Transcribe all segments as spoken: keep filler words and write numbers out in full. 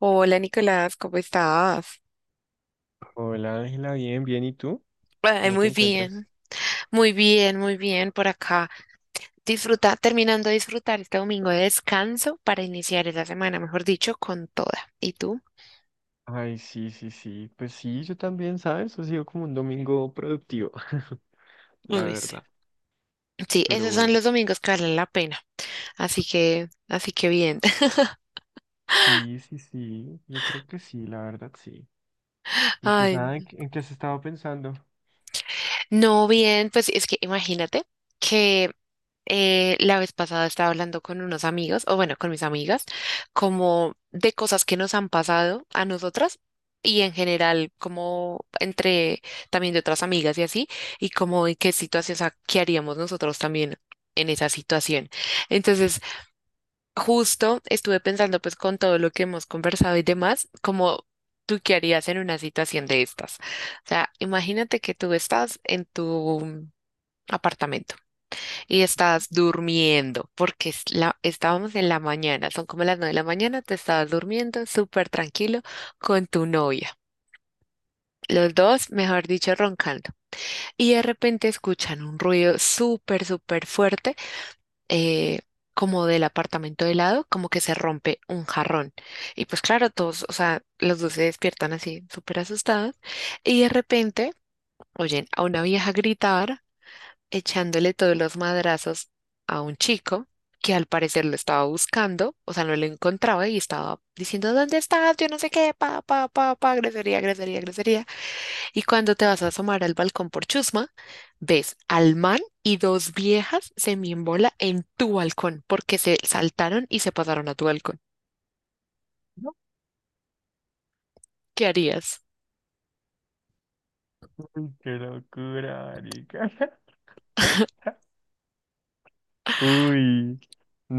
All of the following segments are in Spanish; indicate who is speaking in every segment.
Speaker 1: Hola Nicolás, ¿cómo estás?
Speaker 2: Hola Ángela, bien, bien, ¿y tú?
Speaker 1: Ay,
Speaker 2: ¿Cómo te
Speaker 1: muy
Speaker 2: encuentras?
Speaker 1: bien, muy bien, muy bien por acá. Disfruta, terminando de disfrutar este domingo de descanso para iniciar esa semana, mejor dicho, con toda. ¿Y tú?
Speaker 2: Ay, sí, sí, sí. Pues sí, yo también, ¿sabes? Ha sido como un domingo productivo, la
Speaker 1: Uy, sí,
Speaker 2: verdad.
Speaker 1: Sí,
Speaker 2: Pero
Speaker 1: esos son
Speaker 2: bueno,
Speaker 1: los domingos que valen la pena. Así que, así que bien.
Speaker 2: sí, sí, sí, yo creo que sí, la verdad, sí. Y pues
Speaker 1: Ay,
Speaker 2: nada, ¿en qué en qué has estado pensando?
Speaker 1: No bien, pues es que imagínate que eh, la vez pasada estaba hablando con unos amigos, o bueno, con mis amigas, como de cosas que nos han pasado a nosotras y en general, como entre también de otras amigas y así, y como en qué situación, o sea, qué haríamos nosotros también en esa situación. Entonces, justo estuve pensando pues con todo lo que hemos conversado y demás, como tú qué harías en una situación de estas. O sea, imagínate que tú estás en tu apartamento y estabas durmiendo, porque es la- estábamos en la mañana, son como las nueve de la mañana, te estabas durmiendo súper tranquilo con tu novia. Los dos, mejor dicho, roncando. Y de repente escuchan un ruido súper, súper fuerte, eh, como del apartamento de lado, como que se rompe un jarrón. Y pues claro, todos, o sea, los dos se despiertan así, súper asustados. Y de repente oyen a una vieja gritar echándole todos los madrazos a un chico que al parecer lo estaba buscando, o sea, no lo encontraba y estaba diciendo, ¿dónde estás? Yo no sé qué, pa, pa, pa, pa, grosería, grosería, grosería. Y cuando te vas a asomar al balcón por chusma, ves al man y dos viejas se en tu balcón porque se saltaron y se pasaron a tu balcón. ¿Qué harías?
Speaker 2: Uy, qué locura, marica. Uy,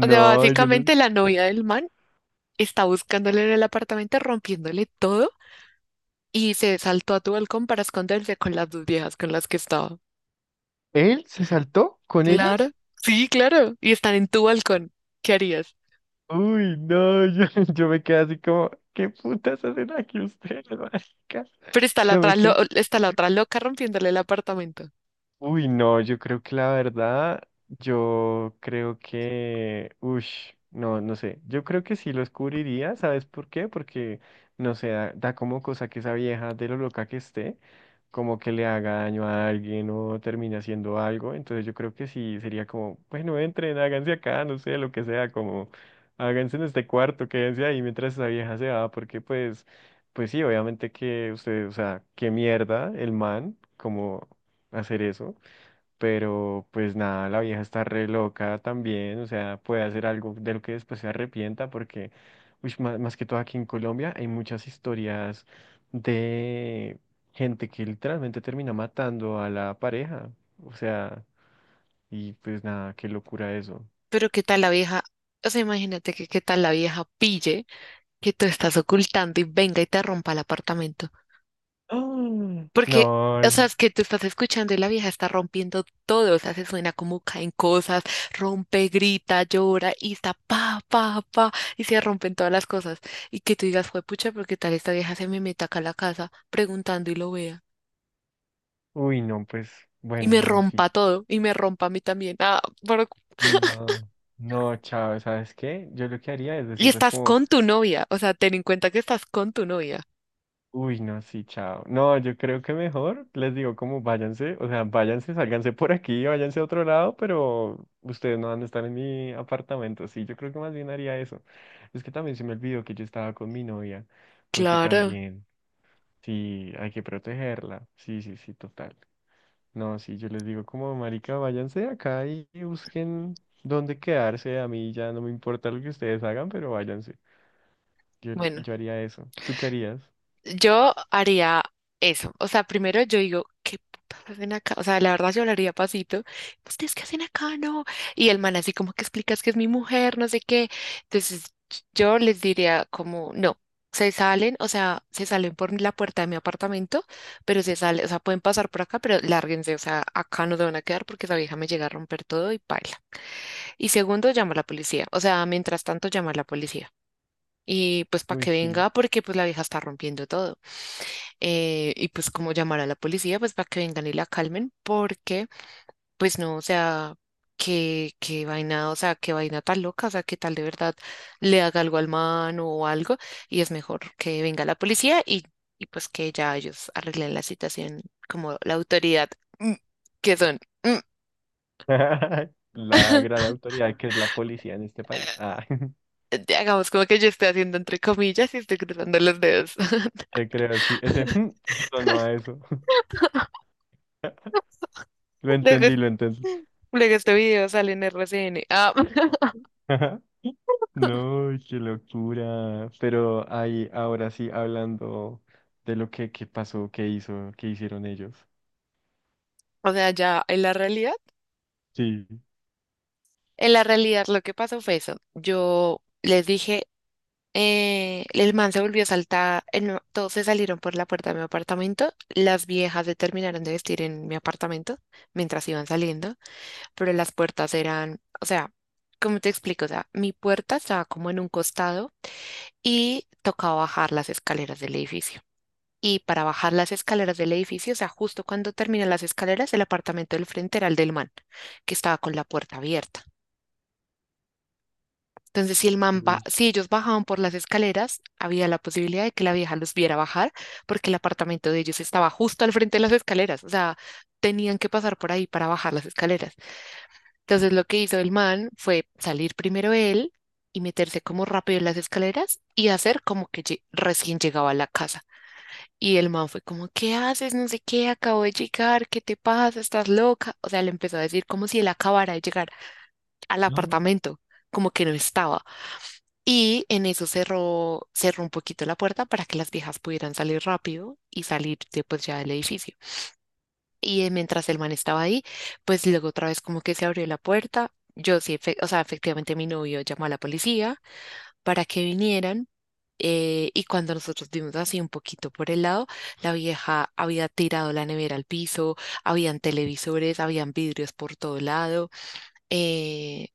Speaker 1: O sea,
Speaker 2: yo le...
Speaker 1: básicamente la novia del man está buscándole en el apartamento, rompiéndole todo y se saltó a tu balcón para esconderse con las dos viejas con las que estaba.
Speaker 2: ¿Él se saltó con
Speaker 1: Claro,
Speaker 2: ellas?
Speaker 1: sí, claro. Y están en tu balcón. ¿Qué harías?
Speaker 2: Uy, no, yo, yo me quedé así como, ¿qué putas hacen aquí ustedes, marica?
Speaker 1: Pero está la
Speaker 2: Yo me
Speaker 1: otra, lo-
Speaker 2: quedé,
Speaker 1: está la otra loca rompiéndole el apartamento.
Speaker 2: uy, no, yo creo que la verdad, yo creo que, ush, no, no sé, yo creo que sí los cubriría, ¿sabes por qué? Porque, no sé, da, da como cosa que esa vieja de lo loca que esté, como que le haga daño a alguien o termine haciendo algo, entonces yo creo que sí sería como, bueno, entren, háganse acá, no sé, lo que sea, como, háganse en este cuarto, quédense ahí mientras esa vieja se va, porque pues, pues sí, obviamente que usted, o sea, qué mierda el man, como hacer eso. Pero pues nada, la vieja está re loca también, o sea, puede hacer algo de lo que después se arrepienta porque, uy, más, más que todo aquí en Colombia hay muchas historias de gente que literalmente termina matando a la pareja, o sea, y pues nada, qué locura eso.
Speaker 1: Pero qué tal la vieja, o sea, imagínate que qué tal la vieja pille que tú estás ocultando y venga y te rompa el apartamento.
Speaker 2: Mm.
Speaker 1: Porque,
Speaker 2: No,
Speaker 1: o sea, es que tú estás escuchando y la vieja está rompiendo todo, o sea, se suena como caen cosas, rompe, grita, llora y está pa, pa, pa, y se rompen todas las cosas. Y que tú digas, fue pucha, porque tal esta vieja se me meta acá a la casa preguntando y lo vea,
Speaker 2: uy, no, pues
Speaker 1: y
Speaker 2: bueno,
Speaker 1: me
Speaker 2: no, sí.
Speaker 1: rompa todo, y me rompa a mí también. Ah, pero-
Speaker 2: No, no, chao, ¿sabes qué? Yo lo que haría es
Speaker 1: Y
Speaker 2: decirles
Speaker 1: estás
Speaker 2: como...
Speaker 1: con tu novia, o sea, ten en cuenta que estás con tu novia.
Speaker 2: Uy, no, sí, chao. No, yo creo que mejor les digo como váyanse, o sea, váyanse, sálganse por aquí, váyanse a otro lado, pero ustedes no van a estar en mi apartamento. Sí, yo creo que más bien haría eso. Es que también se me olvidó que yo estaba con mi novia, porque
Speaker 1: Claro,
Speaker 2: también, sí, hay que protegerla. Sí, sí, sí, total. No, sí, yo les digo como, marica, váyanse de acá y, y busquen dónde quedarse. A mí ya no me importa lo que ustedes hagan, pero váyanse. Yo,
Speaker 1: bueno.
Speaker 2: yo haría eso. ¿Tú qué harías?
Speaker 1: Yo haría eso. O sea, primero yo digo, ¿qué putas hacen acá? O sea, la verdad yo hablaría pasito. ¿Ustedes qué hacen acá? No. Y el man así como que explicas que es mi mujer, no sé qué. Entonces yo les diría como, no, se salen, o sea, se salen por la puerta de mi apartamento, pero se salen, o sea, pueden pasar por acá, pero lárguense. O sea, acá no se van a quedar porque esa vieja me llega a romper todo y paila. Y segundo, llama a la policía. O sea, mientras tanto, llama a la policía. Y pues para
Speaker 2: Uy,
Speaker 1: que
Speaker 2: sí.
Speaker 1: venga, porque pues la vieja está rompiendo todo eh, y pues como llamar a la policía pues para que vengan y la calmen porque pues no, o sea, qué, qué vaina, o sea, qué vaina tan loca, o sea, qué tal de verdad le haga algo al man o algo y es mejor que venga la policía y, y pues que ya ellos arreglen la situación como la autoridad mm, que son. Mm.
Speaker 2: La gran autoridad que es la policía en este país. Ah,
Speaker 1: Hagamos como que yo estoy haciendo entre comillas y estoy cruzando los dedos.
Speaker 2: te creo, sí. Ese sonó a eso. Lo
Speaker 1: Luego,
Speaker 2: entendí, lo entendí.
Speaker 1: luego este video sale en R C N. Ah,
Speaker 2: No, qué locura. Pero ahí, ahora sí, hablando de lo que, que pasó, qué hizo, qué hicieron ellos.
Speaker 1: o sea, ya en la realidad.
Speaker 2: Sí.
Speaker 1: En la realidad lo que pasó fue eso. Yo les dije, eh, el man se volvió a saltar, eh, no, todos se salieron por la puerta de mi apartamento, las viejas se terminaron de vestir en mi apartamento mientras iban saliendo, pero las puertas eran, o sea, ¿cómo te explico? O sea, mi puerta estaba como en un costado y tocaba bajar las escaleras del edificio. Y para bajar las escaleras del edificio, o sea, justo cuando terminan las escaleras, el apartamento del frente era el del man, que estaba con la puerta abierta. Entonces, si el man ba-
Speaker 2: Uy.
Speaker 1: si ellos bajaban por las escaleras, había la posibilidad de que la vieja los viera bajar, porque el apartamento de ellos estaba justo al frente de las escaleras, o sea, tenían que pasar por ahí para bajar las escaleras. Entonces, lo que hizo el man fue salir primero él y meterse como rápido en las escaleras y hacer como que lle- recién llegaba a la casa. Y el man fue como, ¿qué haces? No sé qué, acabo de llegar, ¿qué te pasa? ¿Estás loca? O sea, le empezó a decir como si él acabara de llegar al
Speaker 2: Mm.
Speaker 1: apartamento, como que no estaba. Y en eso cerró, cerró un poquito la puerta para que las viejas pudieran salir rápido y salir de, pues, ya del edificio. Y eh, mientras el man estaba ahí, pues luego otra vez como que se abrió la puerta. Yo sí, efe- o sea, efectivamente mi novio llamó a la policía para que vinieran. Eh, y cuando nosotros dimos así un poquito por el lado, la vieja había tirado la nevera al piso, habían televisores, habían vidrios por todo lado. eh,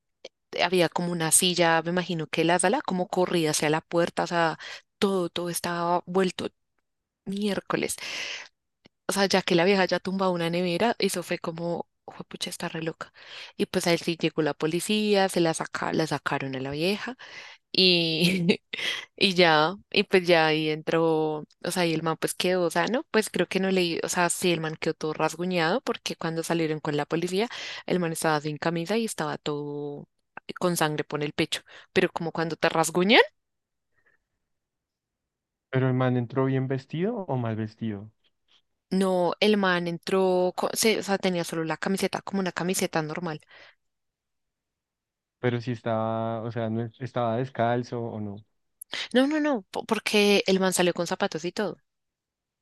Speaker 1: Había como una silla, me imagino que la sala como corrida hacia la puerta, o sea, todo, todo estaba vuelto miércoles. O sea, ya que la vieja ya tumbado una nevera, eso fue como, pucha, está re loca. Y pues ahí sí llegó la policía, se la saca, la sacaron a la vieja. Y, y ya, y pues ya ahí entró, o sea, y el man pues quedó, o sea, no, pues creo que no leí, o sea, sí, el man quedó todo rasguñado porque cuando salieron con la policía, el man estaba sin camisa y estaba todo con sangre por el pecho, pero como cuando te rasguñan,
Speaker 2: Pero el man entró bien vestido o mal vestido.
Speaker 1: no, el man entró, co- se- o sea, tenía solo la camiseta, como una camiseta normal.
Speaker 2: Pero si estaba, o sea, no es- estaba descalzo o no.
Speaker 1: No, no, no, po- porque el man salió con zapatos y todo.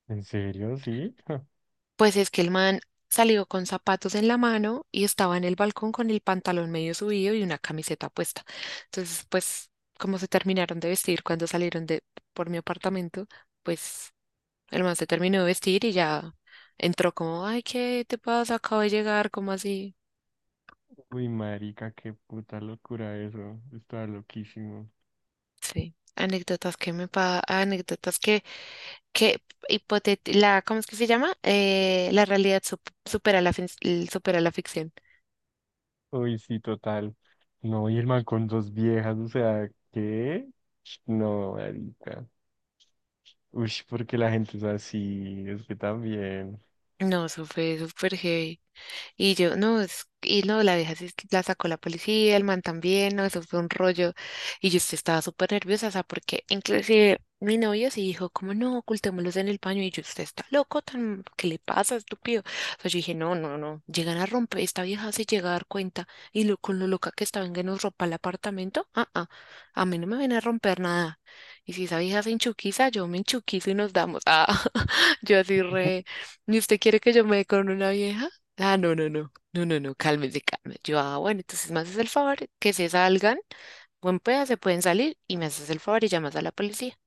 Speaker 2: ¿En serio? Sí.
Speaker 1: Pues es que el man salió con zapatos en la mano y estaba en el balcón con el pantalón medio subido y una camiseta puesta. Entonces, pues, como se terminaron de vestir cuando salieron de por mi apartamento, pues el man se terminó de vestir y ya entró como, ay, ¿qué te pasa? Acabo de llegar, ¿cómo así?
Speaker 2: Uy, marica, qué puta locura eso. Estaba loquísimo.
Speaker 1: Sí. Anécdotas que me pa, anécdotas que, que hipotet- la, ¿cómo es que se llama? Eh, la realidad sup- supera la, fin- supera la ficción.
Speaker 2: Uy, sí, total. No, y el man con dos viejas, o sea, ¿qué? No, marica. Uy, porque la gente es así, es que también.
Speaker 1: No, eso fue súper heavy. Y yo, no, es- y no, la vieja sí la sacó la policía, el man también, no, eso fue un rollo. Y yo sí estaba súper nerviosa, o sea, porque inclusive mi novio sí dijo, como no, ocultémoslos en el baño. Y yo, usted está loco, tan, ¿qué le pasa, estúpido? O sea, yo dije, no, no, no, llegan a romper, esta vieja se llega a dar cuenta. Y lo, con lo loca que estaba en que nos ropa el apartamento, ah, ah, a mí no me viene a romper nada. Y si esa vieja se enchuquiza, yo me enchuquizo y nos damos. Ah, yo así re, ¿y usted quiere que yo me dé con una vieja? Ah, no, no, no, no, no, no, cálmese, cálmese. Yo, ah, bueno, entonces me haces el favor que se salgan, buen pedazo, se pueden salir y me haces el favor y llamas a la policía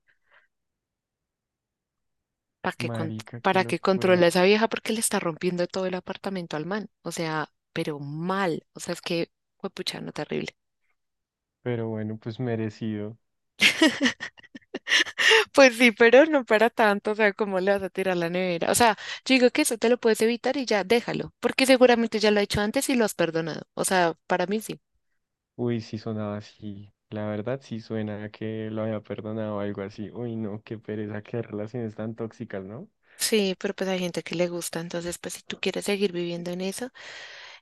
Speaker 1: para que, con-
Speaker 2: Marica, qué
Speaker 1: para que controle
Speaker 2: locura.
Speaker 1: a esa vieja porque le está rompiendo todo el apartamento al man. O sea, pero mal, o sea, es que fue puchano terrible.
Speaker 2: Pero bueno, pues merecido.
Speaker 1: Pues sí, pero no para tanto, o sea, ¿cómo le vas a tirar la nevera? O sea, yo digo que eso te lo puedes evitar y ya déjalo, porque seguramente ya lo ha hecho antes y lo has perdonado. O sea, para mí sí.
Speaker 2: Uy, sí sonaba así. La verdad sí suena a que lo había perdonado o algo así. Uy, no, qué pereza, qué relaciones tan tóxicas, ¿no?
Speaker 1: Sí, pero pues hay gente que le gusta, entonces pues si tú quieres seguir viviendo en eso,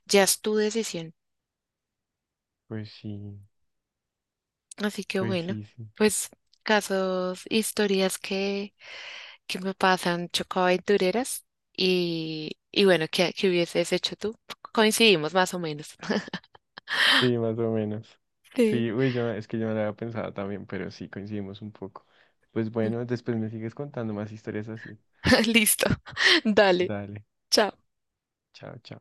Speaker 1: ya es tu decisión.
Speaker 2: Pues sí,
Speaker 1: Así que
Speaker 2: pues
Speaker 1: bueno,
Speaker 2: sí, sí.
Speaker 1: pues casos, historias que, que me pasan chocoaventureras y, y bueno, ¿qué, qué hubieses hecho tú? Coincidimos más o menos.
Speaker 2: Sí, más o menos.
Speaker 1: Sí.
Speaker 2: Sí, uy, yo, es que yo no lo había pensado también, pero sí coincidimos un poco. Pues bueno, después me sigues contando más historias así.
Speaker 1: Listo. Dale.
Speaker 2: Dale,
Speaker 1: Chao.
Speaker 2: chao, chao.